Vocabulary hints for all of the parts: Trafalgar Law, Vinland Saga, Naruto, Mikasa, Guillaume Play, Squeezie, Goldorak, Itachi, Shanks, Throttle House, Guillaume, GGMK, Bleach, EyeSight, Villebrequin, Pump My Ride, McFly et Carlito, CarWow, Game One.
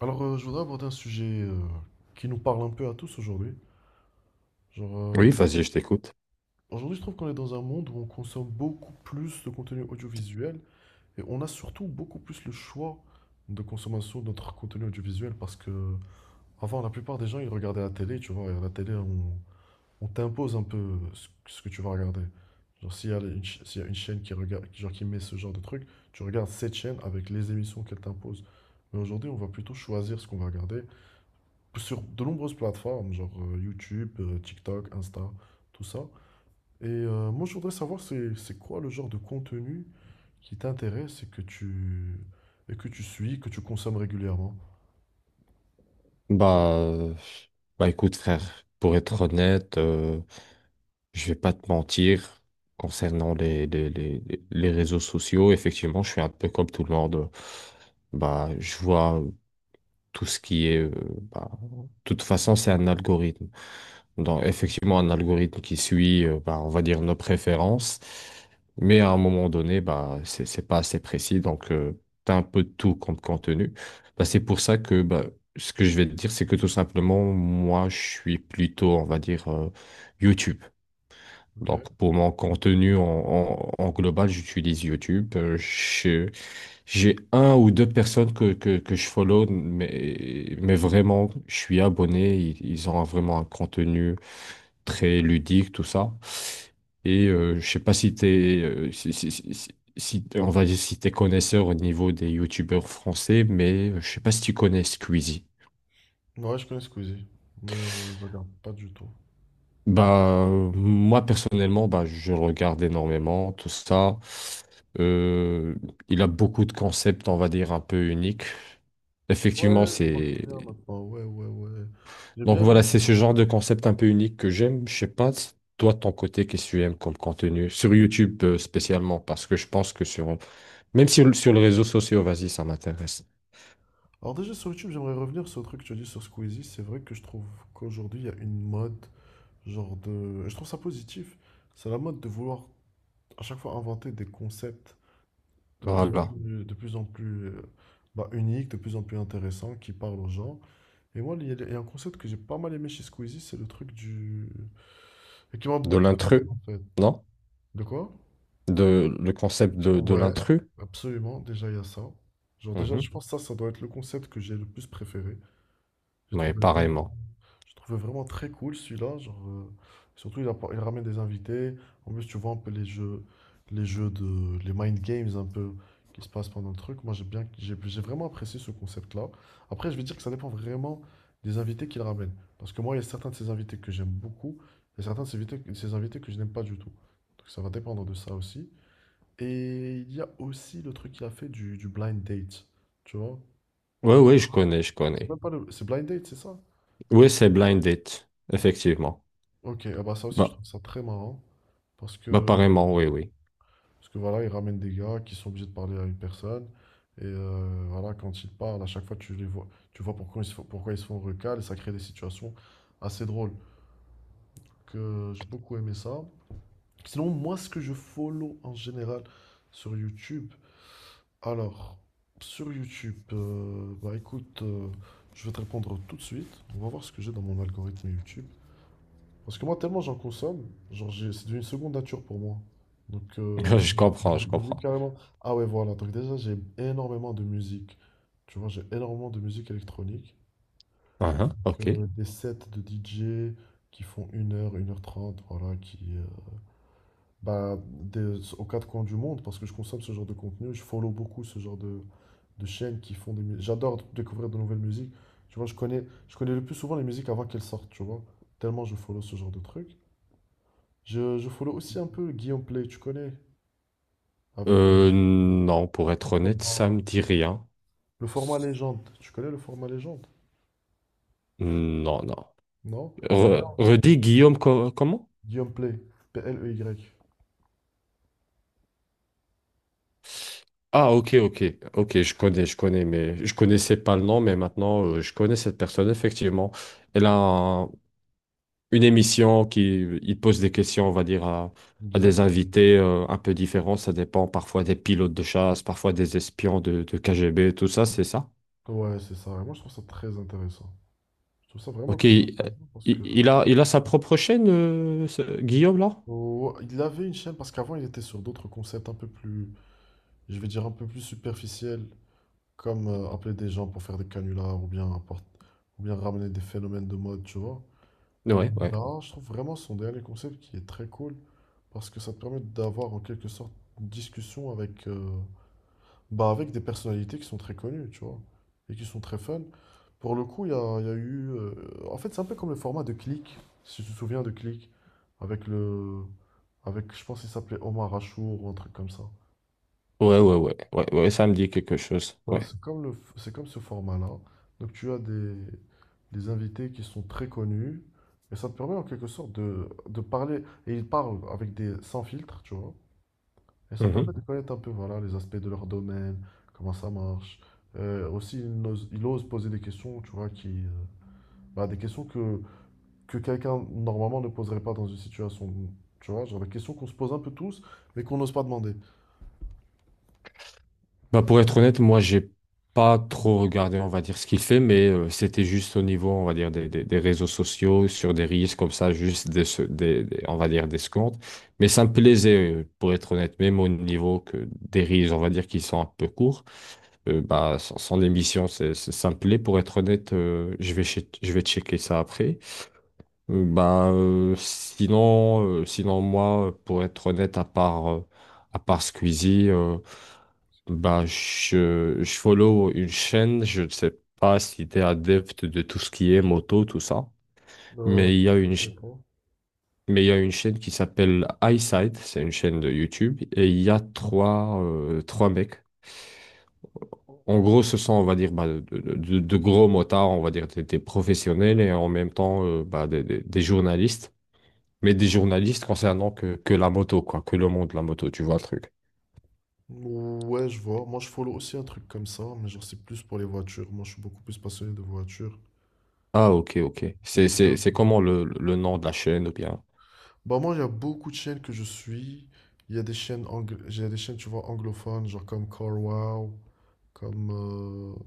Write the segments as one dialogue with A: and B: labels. A: Alors, je voudrais aborder un sujet qui nous parle un peu à tous aujourd'hui. Genre, euh,
B: Oui,
A: auj-
B: vas-y, je t'écoute.
A: Aujourd'hui, je trouve qu'on est dans un monde où on consomme beaucoup plus de contenu audiovisuel et on a surtout beaucoup plus le choix de consommation de notre contenu audiovisuel parce que avant, la plupart des gens, ils regardaient la télé, tu vois, et à la télé, on t'impose un peu ce que tu vas regarder. Genre, s'il y a une chaîne qui regarde, genre, qui met ce genre de truc, tu regardes cette chaîne avec les émissions qu'elle t'impose. Mais aujourd'hui, on va plutôt choisir ce qu'on va regarder sur de nombreuses plateformes, genre YouTube, TikTok, Insta, tout ça. Et moi, je voudrais savoir c'est quoi le genre de contenu qui t'intéresse et que tu suis, que tu consommes régulièrement.
B: Bah, euh, écoute, frère, pour être honnête, je vais pas te mentir concernant les réseaux sociaux. Effectivement, je suis un peu comme tout le monde. Bah, je vois tout ce qui est. De toute façon, c'est un algorithme. Dans effectivement un algorithme qui suit, on va dire, nos préférences. Mais à un moment donné, bah, c'est pas assez précis, donc t'as un peu de tout comme contenu. Bah, c'est pour ça que bah, ce que je vais te dire, c'est que tout simplement, moi, je suis plutôt, on va dire, YouTube.
A: Ok.
B: Donc pour mon contenu en global, j'utilise YouTube. J'ai un ou deux personnes que je follow, mais vraiment, je suis abonné. Ils ont vraiment un contenu très ludique, tout ça. Et je sais pas si t'es, on va dire si t'es connaisseur au niveau des youtubeurs français, mais je sais pas si tu connais Squeezie.
A: Ouais, je connais Squeezie, mais je regarde pas du tout.
B: Moi personnellement, bah, je le regarde énormément, tout ça. Euh, il a beaucoup de concepts, on va dire, un peu uniques.
A: Ouais,
B: Effectivement,
A: je m'en
B: c'est…
A: souviens maintenant. Ouais, ouais, ouais. J'ai
B: Donc
A: bien aimé.
B: voilà, c'est ce genre de concept un peu unique que j'aime. Je sais pas, si toi, de ton côté, qu'est-ce que tu aimes comme contenu? Sur YouTube, spécialement, parce que je pense que sur… Même si sur les réseaux sociaux, vas-y, ça m'intéresse.
A: Alors déjà sur YouTube, j'aimerais revenir sur le truc que tu as dit sur Squeezie. C'est vrai que je trouve qu'aujourd'hui, il y a une mode, genre de, et je trouve ça positif. C'est la mode de vouloir à chaque fois inventer des concepts de plus en
B: Voilà.
A: plus, de plus en plus bah, unique, de plus en plus intéressant, qui parle aux gens. Et moi, il y a un concept que j'ai pas mal aimé chez Squeezie, c'est le truc du… Et qui m'a
B: De
A: beaucoup fait
B: l'intrus,
A: rire, en fait.
B: non?
A: De quoi?
B: De, le concept de
A: Ouais,
B: l'intrus?
A: absolument, déjà il y a ça. Genre déjà, je
B: Mhm.
A: pense que ça doit être le concept que j'ai le plus préféré. J'ai
B: Ouais,
A: trouvé vrai.
B: pareillement.
A: Je trouvais vraiment très cool celui-là. Genre, surtout, il ramène des invités. En plus, tu vois un peu les jeux, les mind games un peu qui se passent pendant le truc. Moi, j'ai vraiment apprécié ce concept-là. Après, je vais dire que ça dépend vraiment des invités qu'il ramène. Parce que moi, il y a certains de ces invités que j'aime beaucoup et certains de ces invités, que je n'aime pas du tout. Donc, ça va dépendre de ça aussi. Et il y a aussi le truc qu'il a fait du, blind date. Tu vois?
B: Ouais, ouais, je connais, je
A: C'est
B: connais.
A: même pas le- C'est blind date, c'est ça?
B: Oui, c'est Blind Date, effectivement.
A: Ok, ah bah ça aussi je
B: Bah,
A: trouve ça très marrant parce que,
B: apparemment, oui, oui.
A: voilà, ils ramènent des gars qui sont obligés de parler à une personne et voilà, quand ils parlent, à chaque fois tu les vois, tu vois pourquoi ils se font recal et ça crée des situations assez drôles. Que j'ai beaucoup aimé ça. Sinon, moi ce que je follow en général sur YouTube, alors sur YouTube, bah écoute, je vais te répondre tout de suite. On va voir ce que j'ai dans mon algorithme YouTube. Parce que moi, tellement j'en consomme, c'est devenu une seconde nature pour moi. Donc,
B: Je comprends, je
A: j'oublie
B: comprends.
A: carrément. Ah ouais, voilà. Donc déjà, j'ai énormément de musique. Tu vois, j'ai énormément de musique électronique.
B: Uhum, ok.
A: Des sets de DJ qui font 1h30 voilà, qui… bah, aux quatre coins du monde, parce que je consomme ce genre de contenu. Je follow beaucoup ce genre de chaînes qui font des… J'adore découvrir de nouvelles musiques. Tu vois, je connais le plus souvent les musiques avant qu'elles sortent, tu vois. Tellement je follow ce genre de trucs. Je follow aussi un peu Guillaume Play, tu connais? Avec
B: Non, pour être honnête, ça me
A: format,
B: dit rien.
A: le format légende. Tu connais le format légende?
B: Non, non.
A: Non? C'est un gars, en fait.
B: Redis Guillaume comment?
A: Guillaume Play. Pley.
B: Ah, ok, ok, ok, je connais, mais je connaissais pas le nom, mais maintenant je connais cette personne, effectivement. Elle a un- une émission qui il pose des questions, on va dire, à
A: Exact.
B: des invités un peu différents. Ça dépend parfois des pilotes de chasse, parfois des espions de KGB, tout ça, c'est ça.
A: Ouais, c'est ça. Et moi, je trouve ça très intéressant. Je trouve ça vraiment
B: Ok,
A: très intéressant parce que…
B: il a sa propre chaîne, Guillaume, là?
A: Oh, il avait une chaîne, parce qu'avant, il était sur d'autres concepts un peu plus, je vais dire, un peu plus superficiels, comme appeler des gens pour faire des canulars ou bien, ou bien ramener des phénomènes de mode, tu vois. Mais
B: Ouais, ouais.
A: là, je trouve vraiment son dernier concept qui est très cool. Parce que ça te permet d'avoir en quelque sorte une discussion avec, bah, avec des personnalités qui sont très connues, tu vois, et qui sont très fun. Pour le coup, il y a eu… en fait, c'est un peu comme le format de Click, si tu te souviens de Click, avec le… Avec, je pense qu'il s'appelait Omar Achour ou un truc comme ça.
B: Ouais, ouais, ouais, ouais, ouais, ça me dit quelque chose.
A: Ben,
B: Ouais.
A: c'est comme le, c'est comme ce format-là. Donc tu as des invités qui sont très connus et ça te permet en quelque sorte de parler et ils parlent avec des sans filtre, tu vois. Et ça permet de connaître un peu voilà, les aspects de leur domaine, comment ça marche. Aussi, il ose poser des questions, tu vois, qui, bah, des questions que quelqu'un normalement ne poserait pas dans une situation, tu vois, genre des questions qu'on se pose un peu tous, mais qu'on n'ose pas demander.
B: Bah pour être honnête, moi, j'ai pas trop regardé, on va dire, ce qu'il fait, mais c'était juste au niveau, on va dire, des réseaux sociaux, sur des reels comme ça, juste des, se- des- on va dire, des secondes. Mais ça me plaisait, pour être honnête, même au niveau que des reels, on va dire, qui sont un peu courts, sans émission, ça me plaît. Pour être honnête, je vais checker ça après. Sinon, moi, pour être honnête, à part Squeezie, je follow une chaîne, je ne sais pas si tu es adepte de tout ce qui est moto, tout ça,
A: Euh,
B: mais il y a
A: je connais pas.
B: une chaîne qui s'appelle EyeSight, c'est une chaîne de YouTube, et il y a trois, trois mecs. En gros, ce sont, on va dire, bah, de gros motards, on va dire des professionnels et en même temps des journalistes, mais des journalistes concernant que la moto, quoi, que le monde de la moto, tu vois le truc.
A: Ouais, je vois. Moi, je follow aussi un truc comme ça, mais genre, c'est plus pour les voitures. Moi, je suis beaucoup plus passionné de voitures.
B: Ah, ok, ok.
A: Du coup, je regarde
B: C'est
A: ça.
B: comment le nom de la chaîne ou bien?
A: Bah, moi, il y a beaucoup de chaînes que je suis. Il y a des chaînes, j'ai des chaînes, tu vois, anglophones, genre comme CarWow. Comme,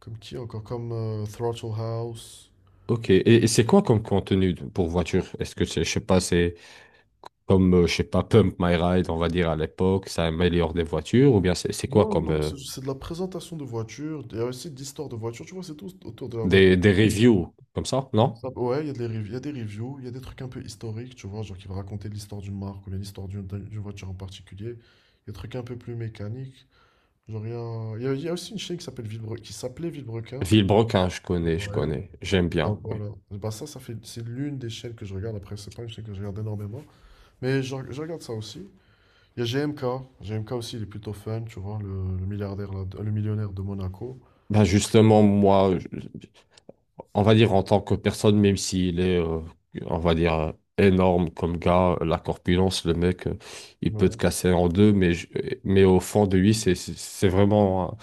A: comme qui encore? Comme Throttle House.
B: Ok, et c'est quoi comme contenu pour voiture? Est-ce que c'est, je sais pas, c'est comme, je sais pas, Pump My Ride, on va dire à l'époque, ça améliore des voitures, ou bien c'est quoi
A: Non,
B: comme
A: non, c'est de la présentation de voitures. Il y a aussi de l'histoire de voitures. Tu vois, c'est tout autour de la voiture.
B: des reviews comme ça, non?
A: Ouais, il y a il y a des reviews, il y a des trucs un peu historiques, tu vois, genre qui va raconter l'histoire d'une marque ou bien l'histoire d'une voiture en particulier. Il y a des trucs un peu plus mécaniques. Genre, il y a aussi une chaîne qui s'appelle Villebrequin, qui s'appelait Villebrequin.
B: Villebrequin, je
A: Ouais.
B: connais, j'aime
A: Bah,
B: bien, oui.
A: voilà. Bah, c'est l'une des chaînes que je regarde. Après, c'est pas une chaîne que je regarde énormément. Mais je regarde ça aussi. Il y a G M K aussi, il est plutôt fun, tu vois, le milliardaire, là, le millionnaire de Monaco.
B: Ben justement, on va dire en tant que personne, même s'il est, on va dire, euh, énorme comme gars, la corpulence, le mec, il peut te
A: Ouais.
B: casser en deux, mais au fond de lui, c'est vraiment. Hein,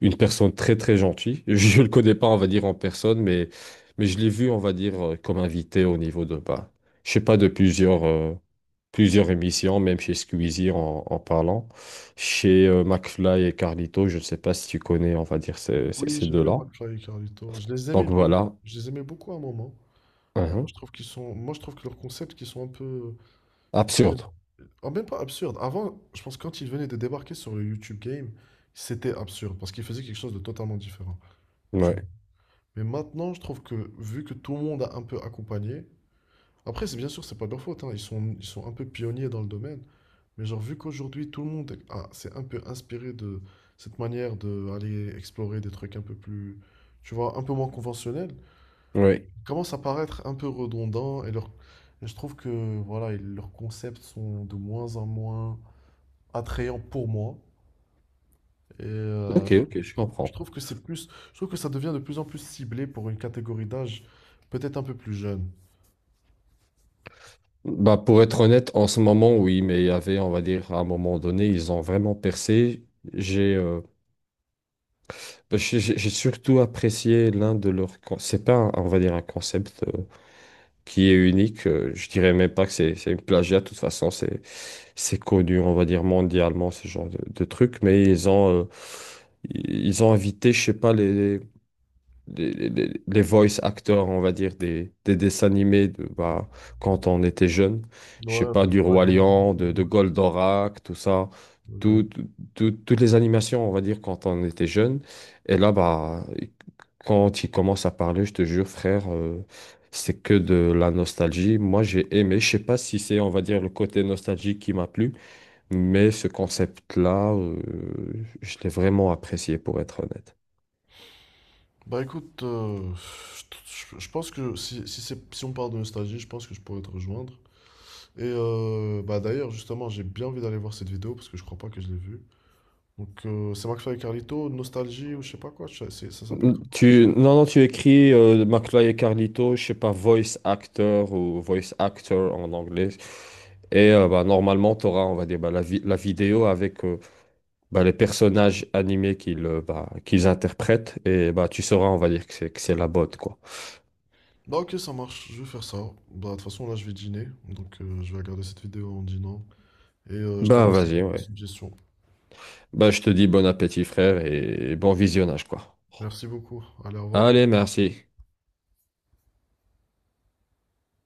B: une personne très très gentille. Je le connais pas, on va dire, en personne, mais je l'ai vu, on va dire, comme invité au niveau de, bah, je sais pas, de plusieurs, plusieurs émissions, même chez Squeezie en parlant. Chez McFly et Carlito, je ne sais pas si tu connais, on va dire,
A: Oui,
B: ces
A: j'aime bien
B: deux-là.
A: McFly et Carlito. Je les aimais
B: Donc
A: bien.
B: voilà.
A: Je les aimais beaucoup à un moment. Mais moi,
B: Mhm.
A: je trouve qu'ils sont, moi, je trouve que leurs concepts qui sont un peu…
B: Absurde.
A: Ah, même pas absurde. Avant, je pense que quand ils venaient de débarquer sur le YouTube Game, c'était absurde parce qu'ils faisaient quelque chose de totalement différent. Tu vois.
B: Ouais.
A: Mais maintenant, je trouve que vu que tout le monde a un peu accompagné, après, c'est bien sûr, c'est pas de leur faute, hein, ils sont, ils sont un peu pionniers dans le domaine. Mais genre, vu qu'aujourd'hui, tout le monde est, ah, c'est un peu inspiré de cette manière d'aller explorer des trucs un peu plus, tu vois, un peu moins conventionnels,
B: Oui.
A: commence à paraître un peu redondant et je trouve que voilà, et leurs concepts sont de moins en moins attrayants pour moi. Et
B: Ok,
A: je trouve,
B: ok, je
A: je
B: comprends.
A: trouve que c'est plus, je trouve que ça devient de plus en plus ciblé pour une catégorie d'âge peut-être un peu plus jeune.
B: Bah, pour être honnête, en ce moment, oui, mais il y avait, on va dire, à un moment donné, ils ont vraiment percé. J'ai euh, j'ai surtout apprécié l'un de leurs… C'est pas, on va dire, un concept qui est unique. Je dirais même pas que c'est une plagiat. De toute façon, c'est connu, on va dire, mondialement, ce genre de truc. Mais ils ont invité, je sais pas, voice actors, on va dire, des dessins animés de, bah, quand on était jeune. Je sais
A: Ouais, un
B: pas,
A: truc,
B: du
A: par
B: Roi
A: exemple. Ouais,
B: Lion, de
A: ouais,
B: Goldorak, tout ça.
A: ouais, j'arrive.
B: Tout- toutes les animations, on va dire, quand on était jeune. Et là, bah, quand il commence à parler, je te jure, frère, c'est que de la nostalgie. Moi, j'ai aimé. Je sais pas si c'est, on va dire, le côté nostalgique qui m'a plu, mais ce concept-là, je l'ai vraiment apprécié, pour être honnête.
A: Bah écoute, je pense que si on parle de nostalgie, je pense que je pourrais te rejoindre. Et bah d'ailleurs, justement, j'ai bien envie d'aller voir cette vidéo parce que je crois pas que je l'ai vue. Donc c'est McFly et Carlito, nostalgie ou je sais pas quoi, ça s'appelle comment?
B: Tu… Non, non, tu écris McFly et Carlito, je sais pas, voice actor ou voice actor en anglais. Et bah, normalement, tu auras, on va dire, bah, la vidéo avec les personnages animés qu'ils interprètent. Et bah, tu sauras, on va dire, que c'est la botte, quoi.
A: Bah ok, ça marche, je vais faire ça. Bah de toute façon, là je vais dîner, donc je vais regarder cette vidéo en dînant. Et je te
B: Bah,
A: remercie
B: vas-y,
A: pour ta
B: ouais.
A: suggestion.
B: Bah, je te dis bon appétit, frère, et bon visionnage, quoi.
A: Merci beaucoup, allez, au revoir.
B: Allez, merci.